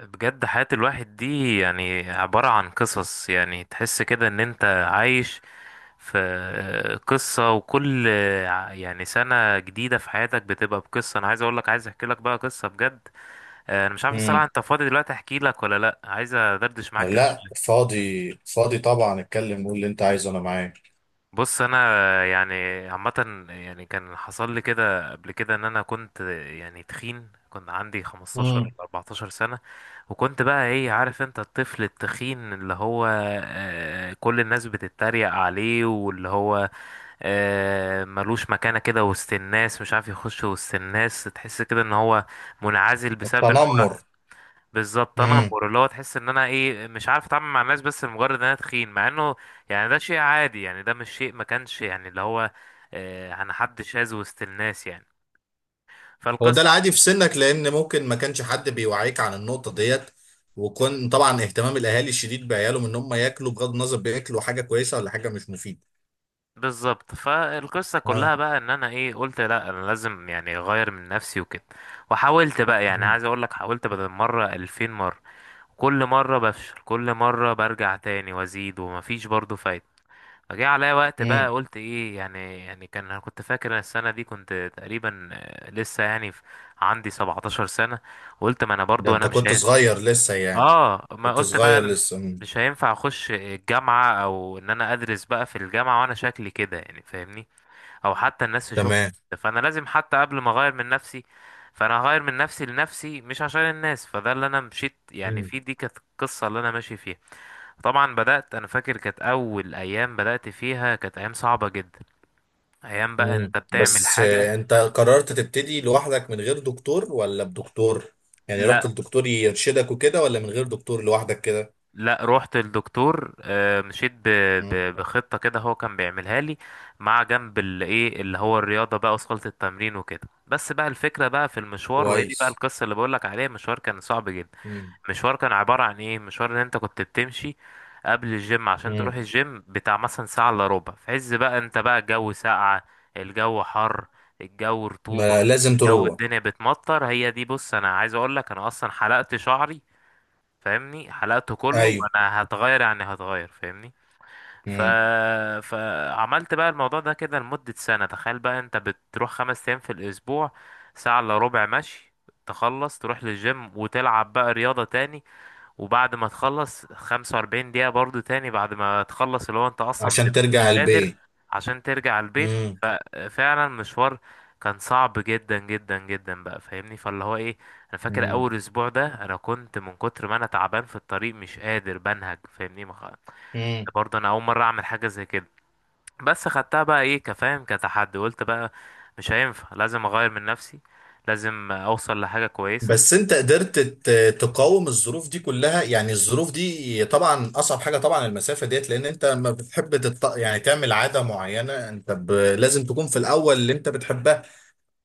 بجد حياة الواحد دي يعني عبارة عن قصص، يعني تحس كده ان انت عايش في قصة. وكل يعني سنة جديدة في حياتك بتبقى بقصة. انا عايز اقول لك، عايز احكي لك بقى قصة بجد. انا مش عارف الصراحة، امم انت فاضي دلوقتي احكي لك ولا لا؟ عايز ادردش معاك كده لا، شوية. فاضي فاضي طبعا، اتكلم قول اللي انت عايزه، انا معاك. بص انا يعني عامه، يعني كان حصل لي كده قبل كده ان انا كنت يعني تخين. كنت عندي 15 ولا امم 14 سنه، وكنت بقى ايه، عارف انت الطفل التخين اللي هو كل الناس بتتريق عليه، واللي هو ملوش مكانه كده وسط الناس، مش عارف يخش وسط الناس، تحس كده ان هو منعزل بسبب ان هو التنمر. بالظبط. انا امم امور اللي هو تحس ان انا ايه، مش عارف اتعامل مع الناس بس لمجرد ان انا تخين، مع انه يعني ده شيء عادي، يعني ده مش شيء ما كانش يعني اللي هو انا حد شاذ وسط الناس يعني. هو ده فالقصه بقى العادي في سنك، لان ممكن ما كانش حد بيوعيك عن النقطة ديت. وكون طبعا اهتمام الاهالي الشديد بعيالهم ان هم ياكلوا، بغض النظر بياكلوا حاجة كويسة ولا حاجة مش مفيدة. بالظبط، فالقصه كلها اه. بقى ان انا ايه، قلت لا انا لازم يعني اغير من نفسي وكده. وحاولت بقى، يعني امم عايز اقول لك حاولت بدل مره 2000 مره. كل مره بفشل، كل مره برجع تاني وازيد ومفيش برضه فايده. فجه عليا وقت بقى، امم قلت ايه يعني، يعني كان انا كنت فاكر إن السنه دي كنت تقريبا لسه يعني في عندي 17 سنه. قلت ما انا ده برضو انت انا مش كنت هي... صغير لسه يعني. اه، ما كنت قلت بقى صغير أنا لسه. مم. مش هينفع اخش الجامعه او ان انا ادرس بقى في الجامعه وانا شكلي كده، يعني فاهمني، او حتى الناس تشوفني تمام. كده. فانا لازم حتى قبل ما اغير من نفسي، فانا هغير من نفسي لنفسي مش عشان الناس. فده اللي انا مشيت يعني في، دي كانت القصه اللي انا ماشي فيها. طبعا بدات، انا فاكر كانت اول ايام بدات فيها كانت ايام صعبه جدا. ايام بقى مم. انت بتعمل بس حاجه. انت قررت تبتدي لوحدك، من غير دكتور ولا بدكتور؟ يعني رحت لا للدكتور يرشدك وكده، ولا من غير دكتور لوحدك كده؟ لا، روحت للدكتور. مم. بخطة كده هو كان بيعملها لي، مع جنب الايه اللي هو الرياضة بقى، وصلت التمرين وكده. بس بقى الفكرة بقى في المشوار، وهي دي بقى كويس. القصة اللي بقولك عليها. مشوار كان صعب جدا. مم. مشوار كان عبارة عن ايه، مشوار ان انت كنت بتمشي قبل الجيم عشان تروح مم. الجيم بتاع مثلا ساعة الا ربع، في عز بقى انت بقى الجو ساقعة، الجو حر، الجو رطوبة، ما لازم الجو تروح. الدنيا بتمطر. هي دي، بص انا عايز اقولك انا اصلا حلقت شعري، فاهمني، حلقته كله، ايوه. وانا هتغير يعني هتغير فاهمني. ف... مم. فعملت بقى الموضوع ده كده لمدة سنة. تخيل بقى انت بتروح خمس ايام في الاسبوع، ساعة الا ربع مشي، تخلص تروح للجيم وتلعب بقى رياضة تاني، وبعد ما تخلص 45 دقيقة برضو تاني، بعد ما تخلص اللي هو انت اصلا عشان بتبقى مش ترجع قادر البيت. عشان ترجع البيت. مم. ففعلا مشوار كان صعب جدا جدا جدا بقى، فاهمني، فاللي هو ايه، انا فاكر مم. اول اسبوع ده انا كنت من كتر ما انا تعبان في الطريق مش قادر بنهج، فاهمني، مم. برضه انا اول مرة اعمل حاجة زي كده. بس خدتها بقى ايه كفاهم كتحدي، قلت بقى مش هينفع، لازم اغير من نفسي، لازم اوصل لحاجة كويسة. بس انت قدرت تقاوم الظروف دي كلها يعني. الظروف دي طبعا اصعب حاجه، طبعا المسافه ديت، لان انت ما بتحب يعني تعمل عاده معينه، انت لازم تكون في الاول اللي انت بتحبها.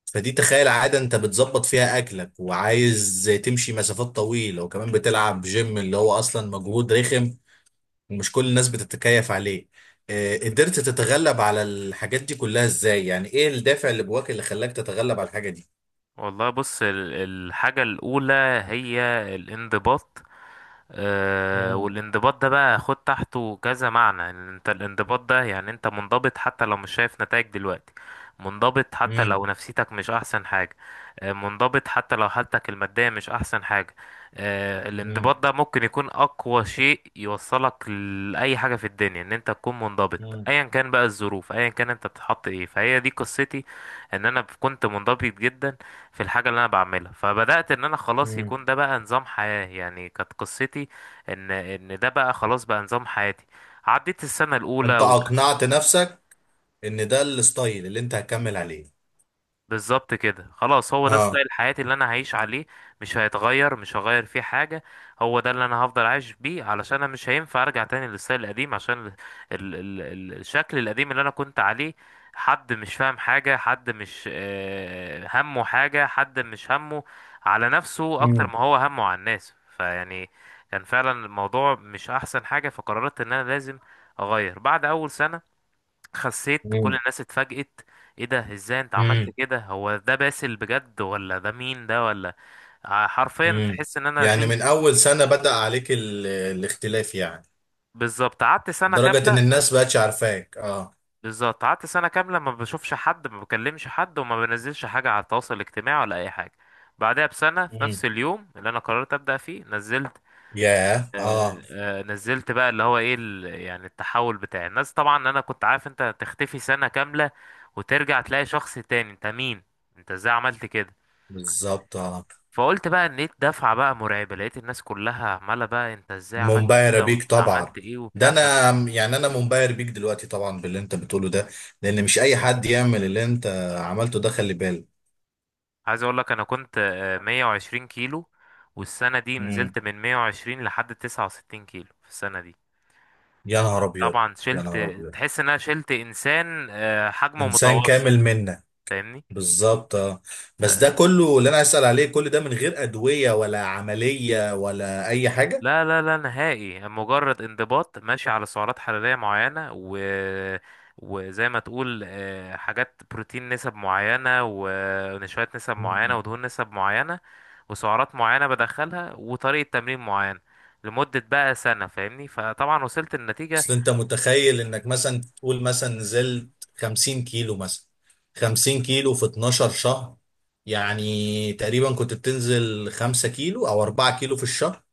فدي تخيل عادة انت بتظبط فيها اكلك وعايز تمشي مسافات طويلة، وكمان بتلعب جيم اللي هو اصلا مجهود رخم. ومش كل الناس بتتكيف عليه. قدرت تتغلب على الحاجات دي كلها ازاي؟ يعني ايه الدافع اللي جواك اللي خلاك تتغلب على الحاجة دي؟ والله بص، الحاجة الأولى هي الانضباط. آه، مم. والانضباط ده بقى خد تحته كذا معنى. إن انت الانضباط ده يعني انت منضبط حتى لو مش شايف نتائج دلوقتي، منضبط حتى مم. لو نفسيتك مش أحسن حاجة، آه منضبط حتى لو حالتك المادية مش أحسن حاجة. آه، مم. الانضباط ده ممكن يكون أقوى شيء يوصلك لأي حاجة في الدنيا، إن انت تكون منضبط. مم. أيا كان بقى الظروف، أيا كان انت بتتحط ايه. فهي دي قصتي، إن أنا كنت منضبط جدا في الحاجة اللي انا بعملها. فبدأت ان انا خلاص مم. يكون ده بقى نظام حياة، يعني كانت قصتي ان ده بقى خلاص بقى نظام حياتي. عديت السنة الاولى انت وكانت اقنعت نفسك ان ده الستايل اللي انت هتكمل عليه. بالظبط كده، خلاص هو ده اه. ستايل حياتي اللي انا هعيش عليه. مش هيتغير، مش هغير فيه حاجة. هو ده اللي انا هفضل عايش بيه، علشان انا مش هينفع ارجع تاني للستايل القديم، عشان ال ال ال ال الشكل القديم اللي انا كنت عليه، حد مش فاهم حاجة، حد مش همه حاجة، حد مش همه على نفسه اكتر مم. ما هو همه على الناس. فيعني كان فعلا الموضوع مش احسن حاجة. فقررت ان انا لازم اغير. بعد اول سنة خسيت، كل مم. الناس اتفاجئت: ايه ده؟ ازاي انت عملت مم. كده؟ هو ده باسل بجد ولا ده مين ده؟ ولا حرفيا مم. تحس ان انا يعني شلت من اول سنة بدأ عليك الاختلاف يعني. بالظبط. قعدت سنه لدرجة ان كامله، الناس بقتش عارفاك؟ اه. بالظبط قعدت سنه كامله ما بشوفش حد، ما بكلمش حد، وما بنزلش حاجه على التواصل الاجتماعي ولا اي حاجه. بعدها بسنه في نفس مم. اليوم اللي انا قررت ابدا فيه نزلت. ياه. اه. نزلت بقى اللي هو ايه، يعني التحول بتاعي. الناس طبعا، انا كنت عارف انت تختفي سنه كامله وترجع تلاقي شخص تاني، انت مين؟ انت ازاي عملت كده؟ بالظبط. اه. فقلت بقى ان ايه، الدفعه بقى مرعبه، لقيت الناس كلها عماله بقى انت ازاي عملت منبهرة كده؟ وانت بيك عملت طبعا. ايه ده وبتاع. فعايز انا يعني انا منبهر بيك دلوقتي طبعا باللي انت بتقوله ده. لان مش اي حد يعمل اللي انت عملته ده، خلي بالك. اقول لك انا كنت 120 كيلو، والسنه دي مم. نزلت من 120 لحد 69 كيلو في السنه دي. يا نهار ابيض. طبعا يا شلت، نهار ابيض. تحس ان انا شلت انسان حجمه انسان متوسط، كامل منا. فاهمني. بالظبط. اه. بس ده كله اللي انا عايز اسال عليه، كل ده من غير ادويه ولا عمليه ولا اي حاجه؟ لا لا لا نهائي، مجرد انضباط ماشي على سعرات حرارية معينة، و وزي ما تقول حاجات بروتين نسب معينة، ونشويات نسب معينة، ودهون نسب معينة، وسعرات معينة بدخلها، وطريقة تمرين معينة لمدة بقى سنة، فاهمني. فطبعا وصلت النتيجة اصل انت متخيل انك مثلا تقول، مثلا نزلت 50 كيلو، مثلا 50 كيلو في 12 شهر. يعني تقريبا كنت بتنزل 5 كيلو او 4 كيلو في الشهر.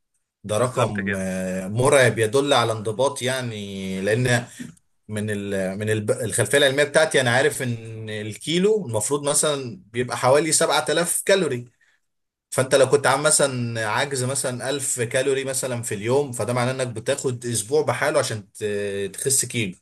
ده بالظبط رقم كده. مرعب، يدل على انضباط يعني. لان من الخلفيه العلميه بتاعتي، انا عارف ان الكيلو المفروض مثلا بيبقى حوالي 7000 كالوري. فانت لو كنت عامل مثلا عجز مثلا 1000 كالوري مثلا في اليوم، فده معناه انك بتاخد اسبوع بحاله عشان تخس كيلو.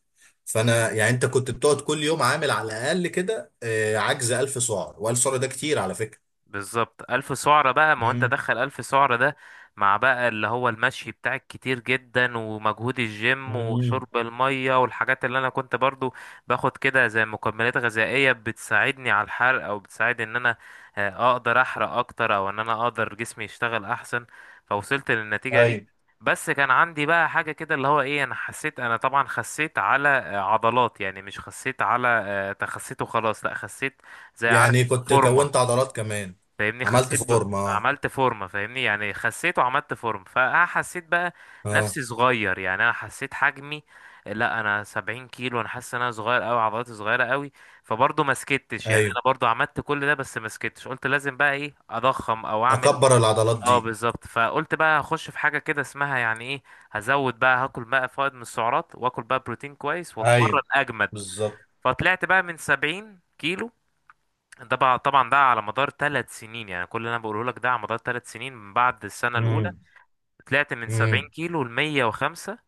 فانا يعني انت كنت بتقعد كل يوم عامل على الاقل كده عجز 1000 سعر، و1000 سعر ده كتير على فكره. بالظبط، ألف سعرة بقى، ما هو أنت امم دخل ألف سعرة ده مع بقى اللي هو المشي بتاعك كتير جدا، ومجهود الجيم، امم وشرب المية، والحاجات اللي أنا كنت برضو باخد كده زي مكملات غذائية بتساعدني على الحرق، أو بتساعد إن أنا أقدر أحرق أكتر، أو إن أنا أقدر جسمي يشتغل أحسن. فوصلت للنتيجة دي. ايوه، بس كان عندي بقى حاجة كده اللي هو إيه، أنا حسيت، أنا طبعا خسيت على عضلات يعني، مش خسيت على تخسيت وخلاص، لأ خسيت زي، عارف، يعني كنت كونت فورمة، عضلات كمان؟ فاهمني. عملت فورمه اه. عملت فورمه، فاهمني يعني، خسيت وعملت فورمه. فحسيت بقى اه. نفسي صغير يعني، انا حسيت حجمي، لا انا 70 كيلو، انا حاسس ان انا صغير قوي، عضلاتي صغيره قوي. فبرضه ما سكتش، يعني ايوه. انا برضه عملت كل ده بس ما سكتش. قلت لازم بقى ايه اضخم او اعمل. اكبر العضلات اه دي. بالظبط، فقلت بقى هخش في حاجه كده اسمها يعني ايه، هزود بقى، هاكل بقى فائض من السعرات، واكل بقى بروتين كويس، واتمرن ايوه، اجمد. بالظبط. فطلعت بقى من 70 كيلو، ده بقى طبعا ده على مدار ثلاث سنين، يعني كل اللي انا بقوله لك ده على مدار ثلاث سنين من بعد السنه الاولى. امم طلعت من 70 امم كيلو ل 105.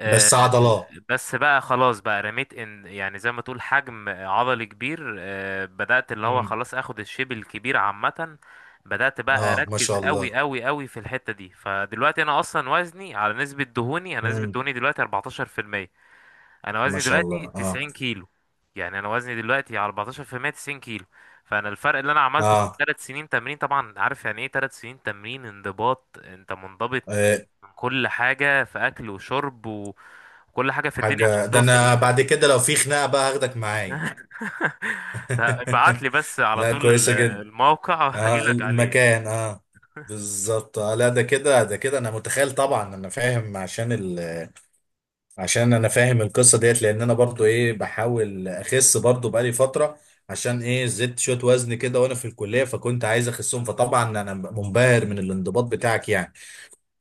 آه، بس عضلات. بس بقى خلاص بقى رميت ان يعني زي ما تقول حجم عضلي كبير. بدات اللي هو امم خلاص اخد الشيب الكبير عامه. بدات بقى اه، ما اركز شاء الله. قوي قوي قوي في الحته دي. فدلوقتي انا اصلا وزني على نسبه دهوني، انا نسبه امم دهوني دلوقتي 14%. انا ما وزني شاء الله. دلوقتي اه. 90 كيلو. يعني انا وزني دلوقتي على 14% 90 كيلو. فانا الفرق اللي انا عملته في اه. ثلاث سنين تمرين، طبعا عارف يعني ايه ثلاث سنين تمرين، انضباط، انت منضبط إيه، من كل حاجه في اكل وشرب وكل حاجه في الدنيا عشان حاجة، ده توصل اللي انا انت بعد فيه، كده فاهم؟ لو في خناقة بقى هاخدك معايا. ده ابعت لي بس على لا، طول كويسة جدا. الموقع هجي اه لك عليه يعني. المكان. اه بالظبط. لا، ده كده، ده كده. انا متخيل طبعا، انا فاهم عشان عشان انا فاهم القصة ديت، لان انا برضو ايه بحاول اخس برضو بقالي فترة. عشان ايه زدت شوية وزن كده وانا في الكلية، فكنت عايز اخسهم. فطبعا انا منبهر من الانضباط بتاعك يعني.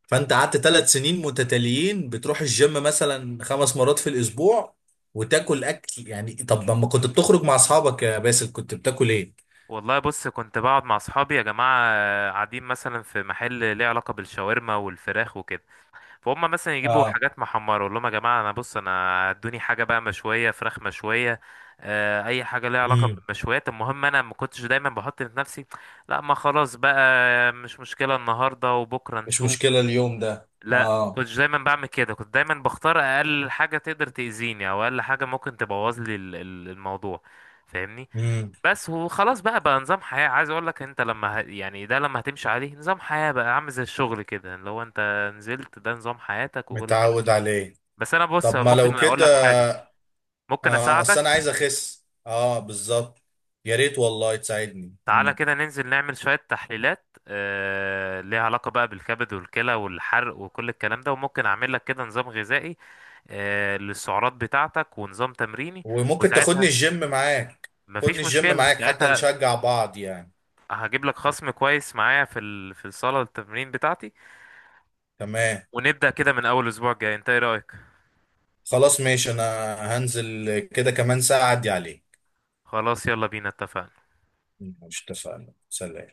فانت قعدت 3 سنين متتاليين بتروح الجيم مثلا خمس مرات في الاسبوع، وتاكل اكل. يعني طب لما كنت بتخرج مع اصحابك يا باسل كنت بتاكل ايه؟ والله بص، كنت بقعد مع اصحابي يا جماعه قاعدين مثلا في محل ليه علاقه بالشاورما والفراخ وكده، فهم مثلا يجيبوا اه. حاجات محمرة، اقول لهم يا جماعة انا بص، انا ادوني حاجة بقى مشوية، فراخ مشوية، اي حاجة ليها علاقة امم بالمشويات. المهم انا ما كنتش دايما بحط في نفسي لا، ما خلاص بقى، مش مشكلة النهاردة وبكرة مش نشوف. مشكلة اليوم ده. لا ما اه. كنتش دايما بعمل كده، كنت دايما بختار اقل حاجة تقدر تأذيني، او اقل حاجة ممكن تبوظ لي الموضوع، فاهمني. امم بس وخلاص بقى، بقى نظام حياة. عايز اقول لك انت لما يعني ده لما هتمشي عليه نظام حياة بقى، عامل زي الشغل كده، لو انت نزلت ده نظام حياتك وكل الكلام. متعود عليه. بس انا بص، طب ما ممكن لو اقول كده. لك حاجة، ممكن اه، اصل انا عايز اساعدك. اخس، اه، بالظبط. يا ريت والله تساعدني. تعالى كده ننزل نعمل شوية تحليلات ليها علاقة بقى بالكبد والكلى والحرق وكل الكلام ده، وممكن اعمل لك كده نظام غذائي للسعرات بتاعتك ونظام تمريني. وممكن تاخدني وساعتها الجيم معاك؟ خدني مفيش الجيم مشكلة، معاك حتى ساعتها نشجع بعض يعني. هجيب لك خصم كويس معايا في في الصالة التمرين بتاعتي. تمام. ونبدأ كده من أول أسبوع جاي، أنت إيه رأيك؟ خلاص ماشي. انا هنزل كده كمان ساعة اعدي عليك. خلاص يلا بينا، اتفقنا. مش اتفقنا؟ سلام.